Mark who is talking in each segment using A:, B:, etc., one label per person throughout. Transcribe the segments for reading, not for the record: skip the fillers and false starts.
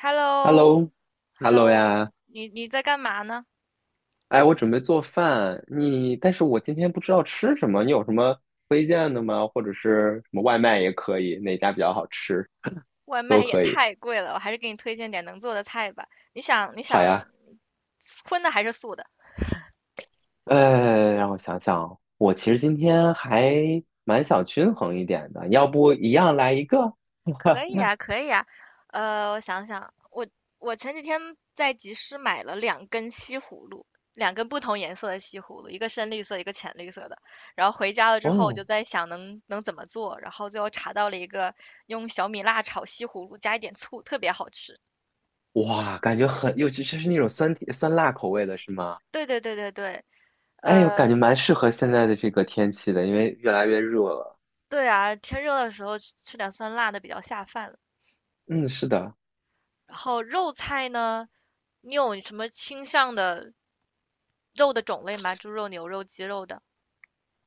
A: h e l l o h e l l
B: Hello，Hello
A: o
B: 呀，
A: 你在干嘛呢？
B: 哎，我准备做饭，但是我今天不知道吃什么，你有什么推荐的吗？或者是什么外卖也可以，哪家比较好吃
A: 外
B: 都
A: 卖也
B: 可以。
A: 太贵了，我还是给你推荐点能做的菜吧。你想你
B: 好
A: 想
B: 呀，
A: 荤的还是素的？
B: 让我想想，我其实今天还蛮想均衡一点的，要不一样来一个？
A: 可以 啊，可以啊，我想想，我前几天在集市买了两根西葫芦，两根不同颜色的西葫芦，一个深绿色，一个浅绿色的。然后回家了之后，我
B: 哦，
A: 就在想能怎么做，然后最后查到了一个用小米辣炒西葫芦，加一点醋，特别好吃。
B: 哇，感觉很，尤其是那种酸甜酸辣口味的是吗？
A: 对对对对对，
B: 哎呦，感
A: 呃，
B: 觉蛮适合现在的这个天气的，因为越来越热了。
A: 对啊，天热的时候吃点酸辣的比较下饭了。
B: 嗯，是的。
A: 然后肉菜呢，你有什么倾向的肉的种类吗？猪肉、牛肉、鸡肉的？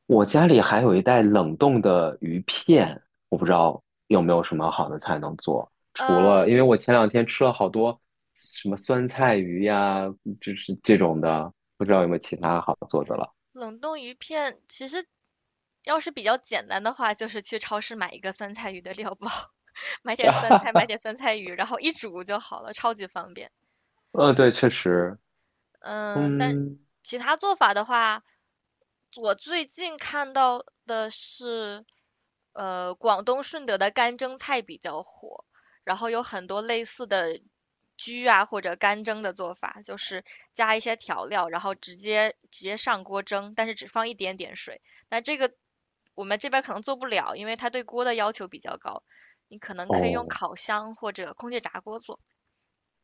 B: 我家里还有一袋冷冻的鱼片，我不知道有没有什么好的菜能做。除
A: 呃，
B: 了，因为我前两天吃了好多什么酸菜鱼呀，就是这种的，不知道有没有其他好做的了。
A: 冷冻鱼片其实要是比较简单的话，就是去超市买一个酸菜鱼的料包，买点酸菜，买点 酸菜鱼，然后一煮就好了，超级方便。
B: 嗯，对，确实，
A: 嗯，但
B: 嗯，
A: 其他做法的话，我最近看到的是广东顺德的干蒸菜比较火，然后有很多类似的焗啊或者干蒸的做法，就是加一些调料，然后直接上锅蒸，但是只放一点点水。那这个我们这边可能做不了，因为它对锅的要求比较高，你可能可以用
B: 哦，
A: 烤箱或者空气炸锅做。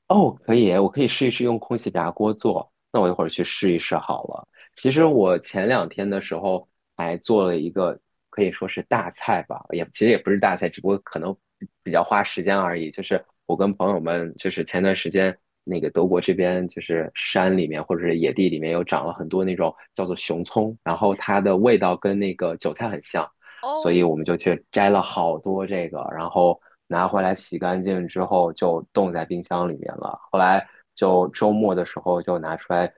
B: 哦，可以，我可以试一试用空气炸锅做。那我一会儿去试一试好了。其实我前两天的时候还做了一个，可以说是大菜吧，也其实也不是大菜，只不过可能比较花时间而已。就是我跟朋友们，就是前段时间那个德国这边，就是山里面或者是野地里面有长了很多那种叫做熊葱，然后它的味道跟那个韭菜很像。所以
A: 哦，
B: 我们就去摘了好多这个，然后拿回来洗干净之后就冻在冰箱里面了。后来就周末的时候就拿出来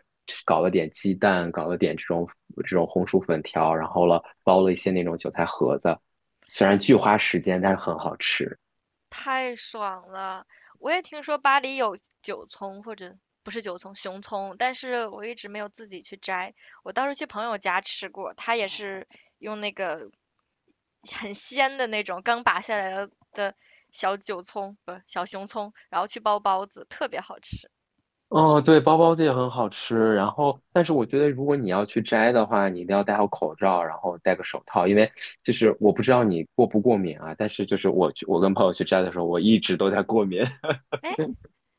B: 搞了点鸡蛋，搞了点这种红薯粉条，然后了包了一些那种韭菜盒子，虽然巨花时间，但是很好吃。
A: 太爽了！我也听说巴黎有韭葱，或者不是韭葱，熊葱，但是我一直没有自己去摘。我倒是去朋友家吃过，他也是用那个很鲜的那种刚拔下来的小韭葱，不是小熊葱，然后去包包子，特别好吃。
B: 哦，对，包包子也很好吃。然后，但是我觉得，如果你要去摘的话，你一定要戴好口罩，然后戴个手套，因为就是我不知道你过不过敏啊。但是就是我去，我跟朋友去摘的时候，我一直都在过敏。
A: 哎，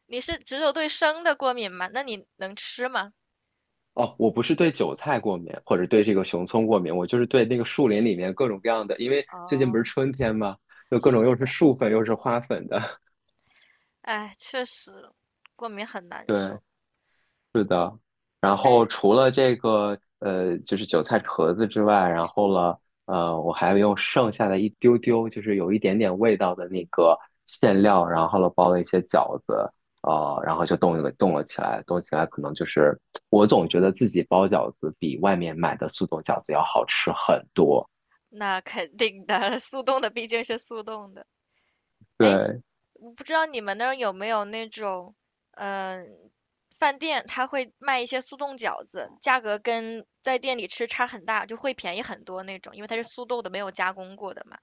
A: 你是只有对生的过敏吗？那你能吃吗？
B: 哦，我不是对韭菜过敏，或者对这个熊葱过敏，我就是对那个树林里面各种各样的，因为最近不是
A: 哦，
B: 春天嘛，就各种
A: 是
B: 又是
A: 的，
B: 树粉又是花粉的。
A: 哎，确实，过敏很难
B: 对，
A: 受。
B: 是的，然后
A: 哎，
B: 除了这个就是韭菜壳子之外，然后了我还用剩下的一丢丢，就是有一点点味道的那个馅料，然后了包了一些饺子，然后就冻了起来，冻起来可能就是我总觉得自己包饺子比外面买的速冻饺子要好吃很多。
A: 那肯定的，速冻的毕竟是速冻的。哎，
B: 对，
A: 我不知道你们那儿有没有那种，嗯、饭店它会卖一些速冻饺子，价格跟在店里吃差很大，就会便宜很多那种，因为它是速冻的，没有加工过的嘛。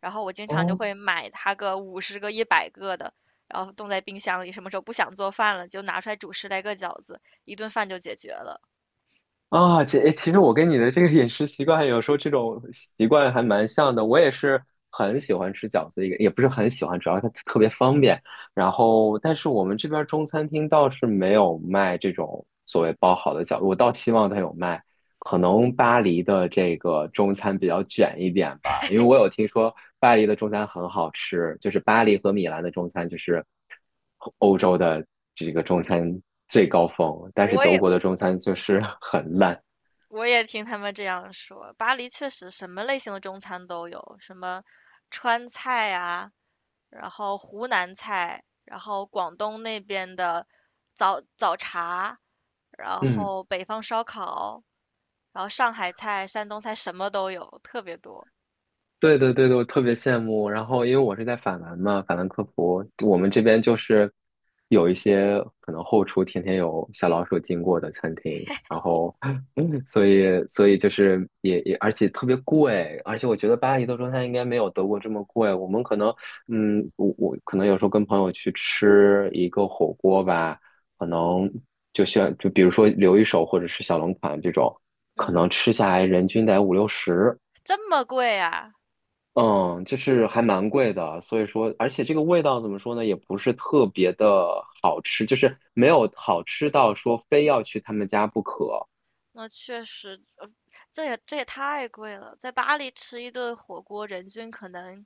A: 然后我经常就
B: 哦，
A: 会买它个50个、100个的，然后冻在冰箱里，什么时候不想做饭了，就拿出来煮10来个饺子，一顿饭就解决了。
B: 啊，姐，诶其实我跟你的这个饮食习惯，有时候这种习惯还蛮像的。我也是很喜欢吃饺子，一个也不是很喜欢，主要它特别方便。然后，但是我们这边中餐厅倒是没有卖这种所谓包好的饺子，我倒希望它有卖。可能巴黎的这个中餐比较卷一点吧，因为我 有听说巴黎的中餐很好吃，就是巴黎和米兰的中餐就是欧洲的这个中餐最高峰，但是
A: 我
B: 德
A: 也
B: 国的中餐就是 很烂。
A: 我也听他们这样说，巴黎确实什么类型的中餐都有，什么川菜啊。然后湖南菜，然后广东那边的早茶，然
B: 嗯。
A: 后北方烧烤，然后上海菜、山东菜什么都有，特别多。
B: 对对对对，我特别羡慕。然后，因为我是在法兰嘛，法兰克福，我们
A: 嗯
B: 这边就是有一些可能后厨天天有小老鼠经过的餐厅，然后，所以，所以就是也也，而且特别贵，而且我觉得巴黎的中餐应该没有德国这么贵。我们可能，嗯，我可能有时候跟朋友去吃一个火锅吧，可能就像就比如说留一手或者是小龙坎这种，可
A: 嗯，
B: 能吃下来人均得五六十。
A: 这么贵啊？
B: 嗯，就是还蛮贵的，所以说，而且这个味道怎么说呢，也不是特别的好吃，就是没有好吃到说非要去他们家不可。
A: 那确实，这也太贵了。在巴黎吃一顿火锅，人均可能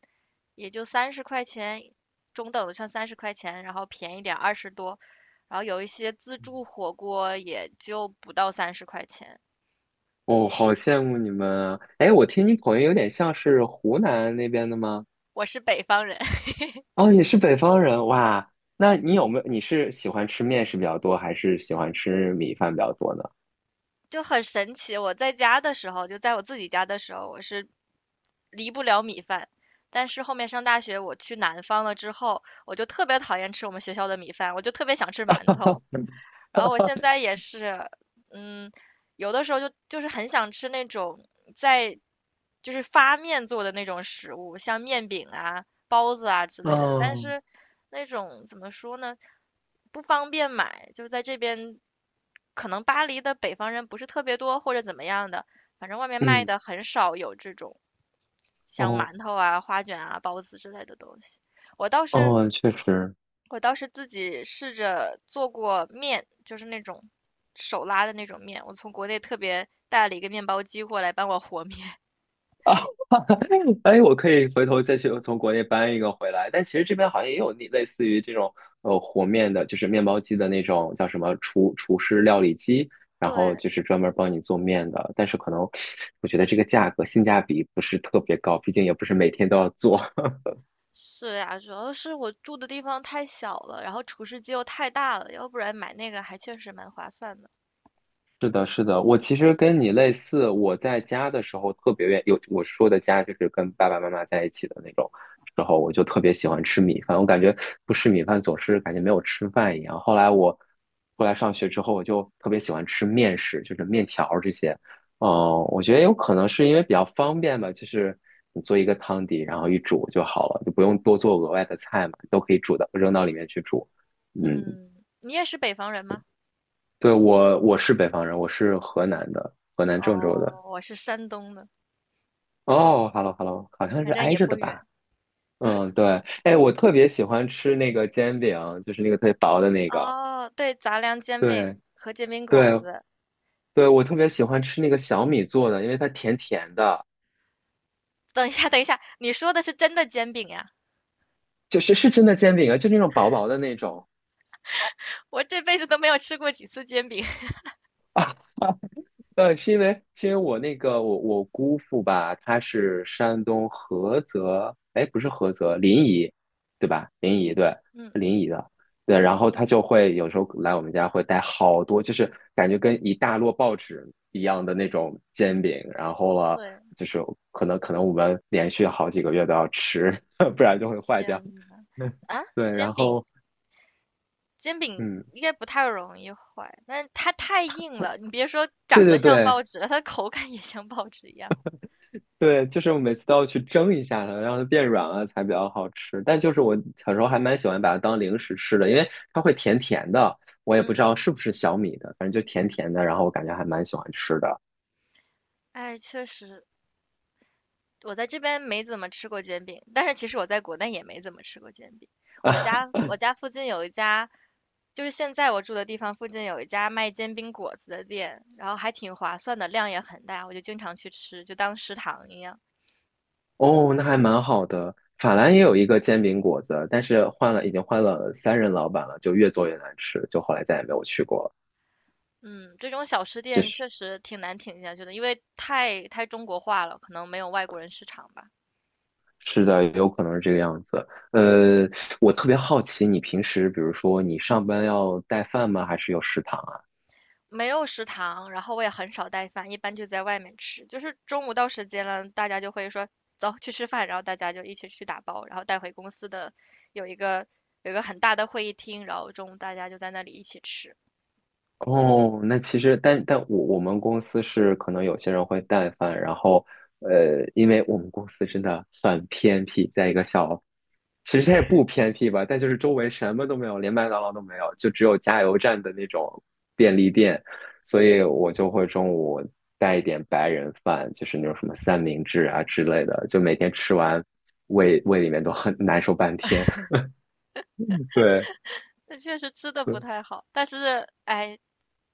A: 也就三十块钱，中等的像三十块钱，然后便宜点20多，然后有一些自助火锅也就不到三十块钱。
B: 哦，好羡慕你们啊！哎，我听你口音有点像是湖南那边的吗？
A: 我是北方人。
B: 哦，你是北方人哇？那你有没有，你是喜欢吃面食比较多，还是喜欢吃米饭比较多呢？
A: 就很神奇。我在家的时候，就在我自己家的时候，我是离不了米饭。但是后面上大学，我去南方了之后，我就特别讨厌吃我们学校的米饭，我就特别想吃馒头。然后我现在也是，嗯，有的时候就是很想吃那种在就是发面做的那种食物，像面饼啊、包子啊之类的。但
B: 嗯
A: 是那种怎么说呢，不方便买，就是在这边可能巴黎的北方人不是特别多，或者怎么样的，反正外面卖
B: 嗯
A: 的很少有这种像
B: 哦
A: 馒头啊、花卷啊、包子之类的东西。我倒是
B: 哦，确实，
A: 我倒是自己试着做过面，就是那种手拉的那种面。我从国内特别带了一个面包机过来帮我和面。
B: 啊，哎，我可以回头再去从国内搬一个回来。但其实这边好像也有那类似于这种和面的，就是面包机的那种叫什么厨师料理机，然后
A: 对，
B: 就是专门帮你做面的。但是可能我觉得这个价格性价比不是特别高，毕竟也不是每天都要做。
A: 是呀，主要是我住的地方太小了，然后厨师机又太大了，要不然买那个还确实蛮划算的。
B: 是的，是的，我其实跟你类似，我在家的时候特别愿有我说的家就是跟爸爸妈妈在一起的那种时候，我就特别喜欢吃米饭，我感觉不吃米饭总是感觉没有吃饭一样。后来上学之后，我就特别喜欢吃面食，就是面条儿这些。嗯，我觉得有可能是因为比较方便吧，就是你做一个汤底，然后一煮就好了，就不用多做额外的菜嘛，都可以煮的，扔到里面去煮。嗯，
A: 嗯，你也是北方人吗？
B: 对，我是北方人，我是河南的，河南郑州的。
A: 哦，我是山东的。
B: 哦，hello，hello，好像是
A: 反正
B: 挨
A: 也
B: 着
A: 不
B: 的吧？
A: 远。嗯，
B: 嗯，对。哎，我特别喜欢吃那个煎饼，就是那个特别薄的那个。
A: 哦，对，杂粮煎饼
B: 对，
A: 和煎饼果
B: 对，
A: 子。
B: 对，我特别喜欢吃那个小米做的，因为它甜甜的，
A: 等一下，等一下，你说的是真的煎饼呀？
B: 就是是真的煎饼啊，就那种薄薄的那种。
A: 我这辈子都没有吃过几次煎饼。
B: 是因为我那个我我姑父吧，他是山东菏泽，哎，不是菏泽，临沂，对吧？临沂，对，
A: 嗯，
B: 临沂的，对。然后他就会有时候来我们家会带好多，就是感觉跟一大摞报纸一样的那种煎饼，然后了，
A: 对，
B: 就是可能我们连续好几个月都要吃，不然就会坏掉。
A: 天呐，啊，
B: 对，然
A: 煎饼，
B: 后
A: 煎饼
B: 嗯，
A: 应该不太容易坏，但是它太硬了。你别说
B: 对
A: 长
B: 对
A: 得像报
B: 对，
A: 纸了，它的口感也像报纸一样。
B: 对，就是我每次都要去蒸一下它，让它变软了才比较好吃。但就是我小时候还蛮喜欢把它当零食吃的，因为它会甜甜的，我也不知
A: 嗯，
B: 道是不是小米的，反正就甜甜的，然后我感觉还蛮喜欢吃的。
A: 哎，确实，我在这边没怎么吃过煎饼，但是其实我在国内也没怎么吃过煎饼。我家附近有一家就是现在我住的地方附近有一家卖煎饼果子的店，然后还挺划算的，量也很大，我就经常去吃，就当食堂一样。
B: 哦，那还蛮好的。法兰也有一个煎饼果子，但是换了，已经换了三任老板了，就越做越难吃，就后来再也没有去过了。
A: 嗯，这种小吃
B: 就
A: 店
B: 是
A: 确实挺难挺下去的，因为太中国化了，可能没有外国人市场吧。
B: 是的，有可能是这个样子。呃，我特别好奇，你平时比如说你上班要带饭吗？还是有食堂啊？
A: 没有食堂，然后我也很少带饭，一般就在外面吃。就是中午到时间了，大家就会说走去吃饭，然后大家就一起去打包，然后带回公司的有一个有一个很大的会议厅，然后中午大家就在那里一起吃。
B: 哦，那其实，但我们公司是可能有些人会带饭，然后因为我们公司真的很偏僻，在一个小，其实它也不偏僻吧，但就是周围什么都没有，连麦当劳都没有，就只有加油站的那种便利店，所以我就会中午带一点白人饭，就是那种什么三明治啊之类的，就每天吃完，胃里面都很难受半天，对，
A: 那确实吃的
B: 所
A: 不
B: 以
A: 太好，但是哎，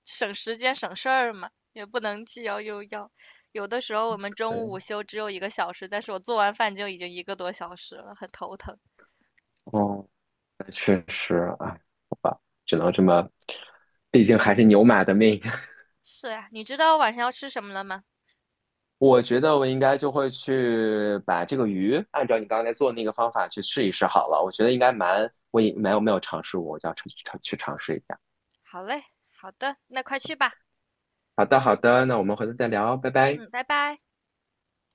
A: 省时间省事儿嘛，也不能既要又要。有的时候我们中午午
B: 对。
A: 休只有一个小时，但是我做完饭就已经一个多小时了，很头疼。
B: 哦，那确实，啊。只能这么，毕竟还是牛马的命。
A: 是呀，你知道我晚上要吃什么了吗？
B: 我觉得我应该就会去把这个鱼按照你刚才做的那个方法去试一试好了。我觉得应该蛮，我也没有尝试过，我就要去尝试一下。
A: 好嘞，好的，那快去吧。
B: 好的，好的，那我们回头再聊，拜拜。
A: 嗯，拜拜。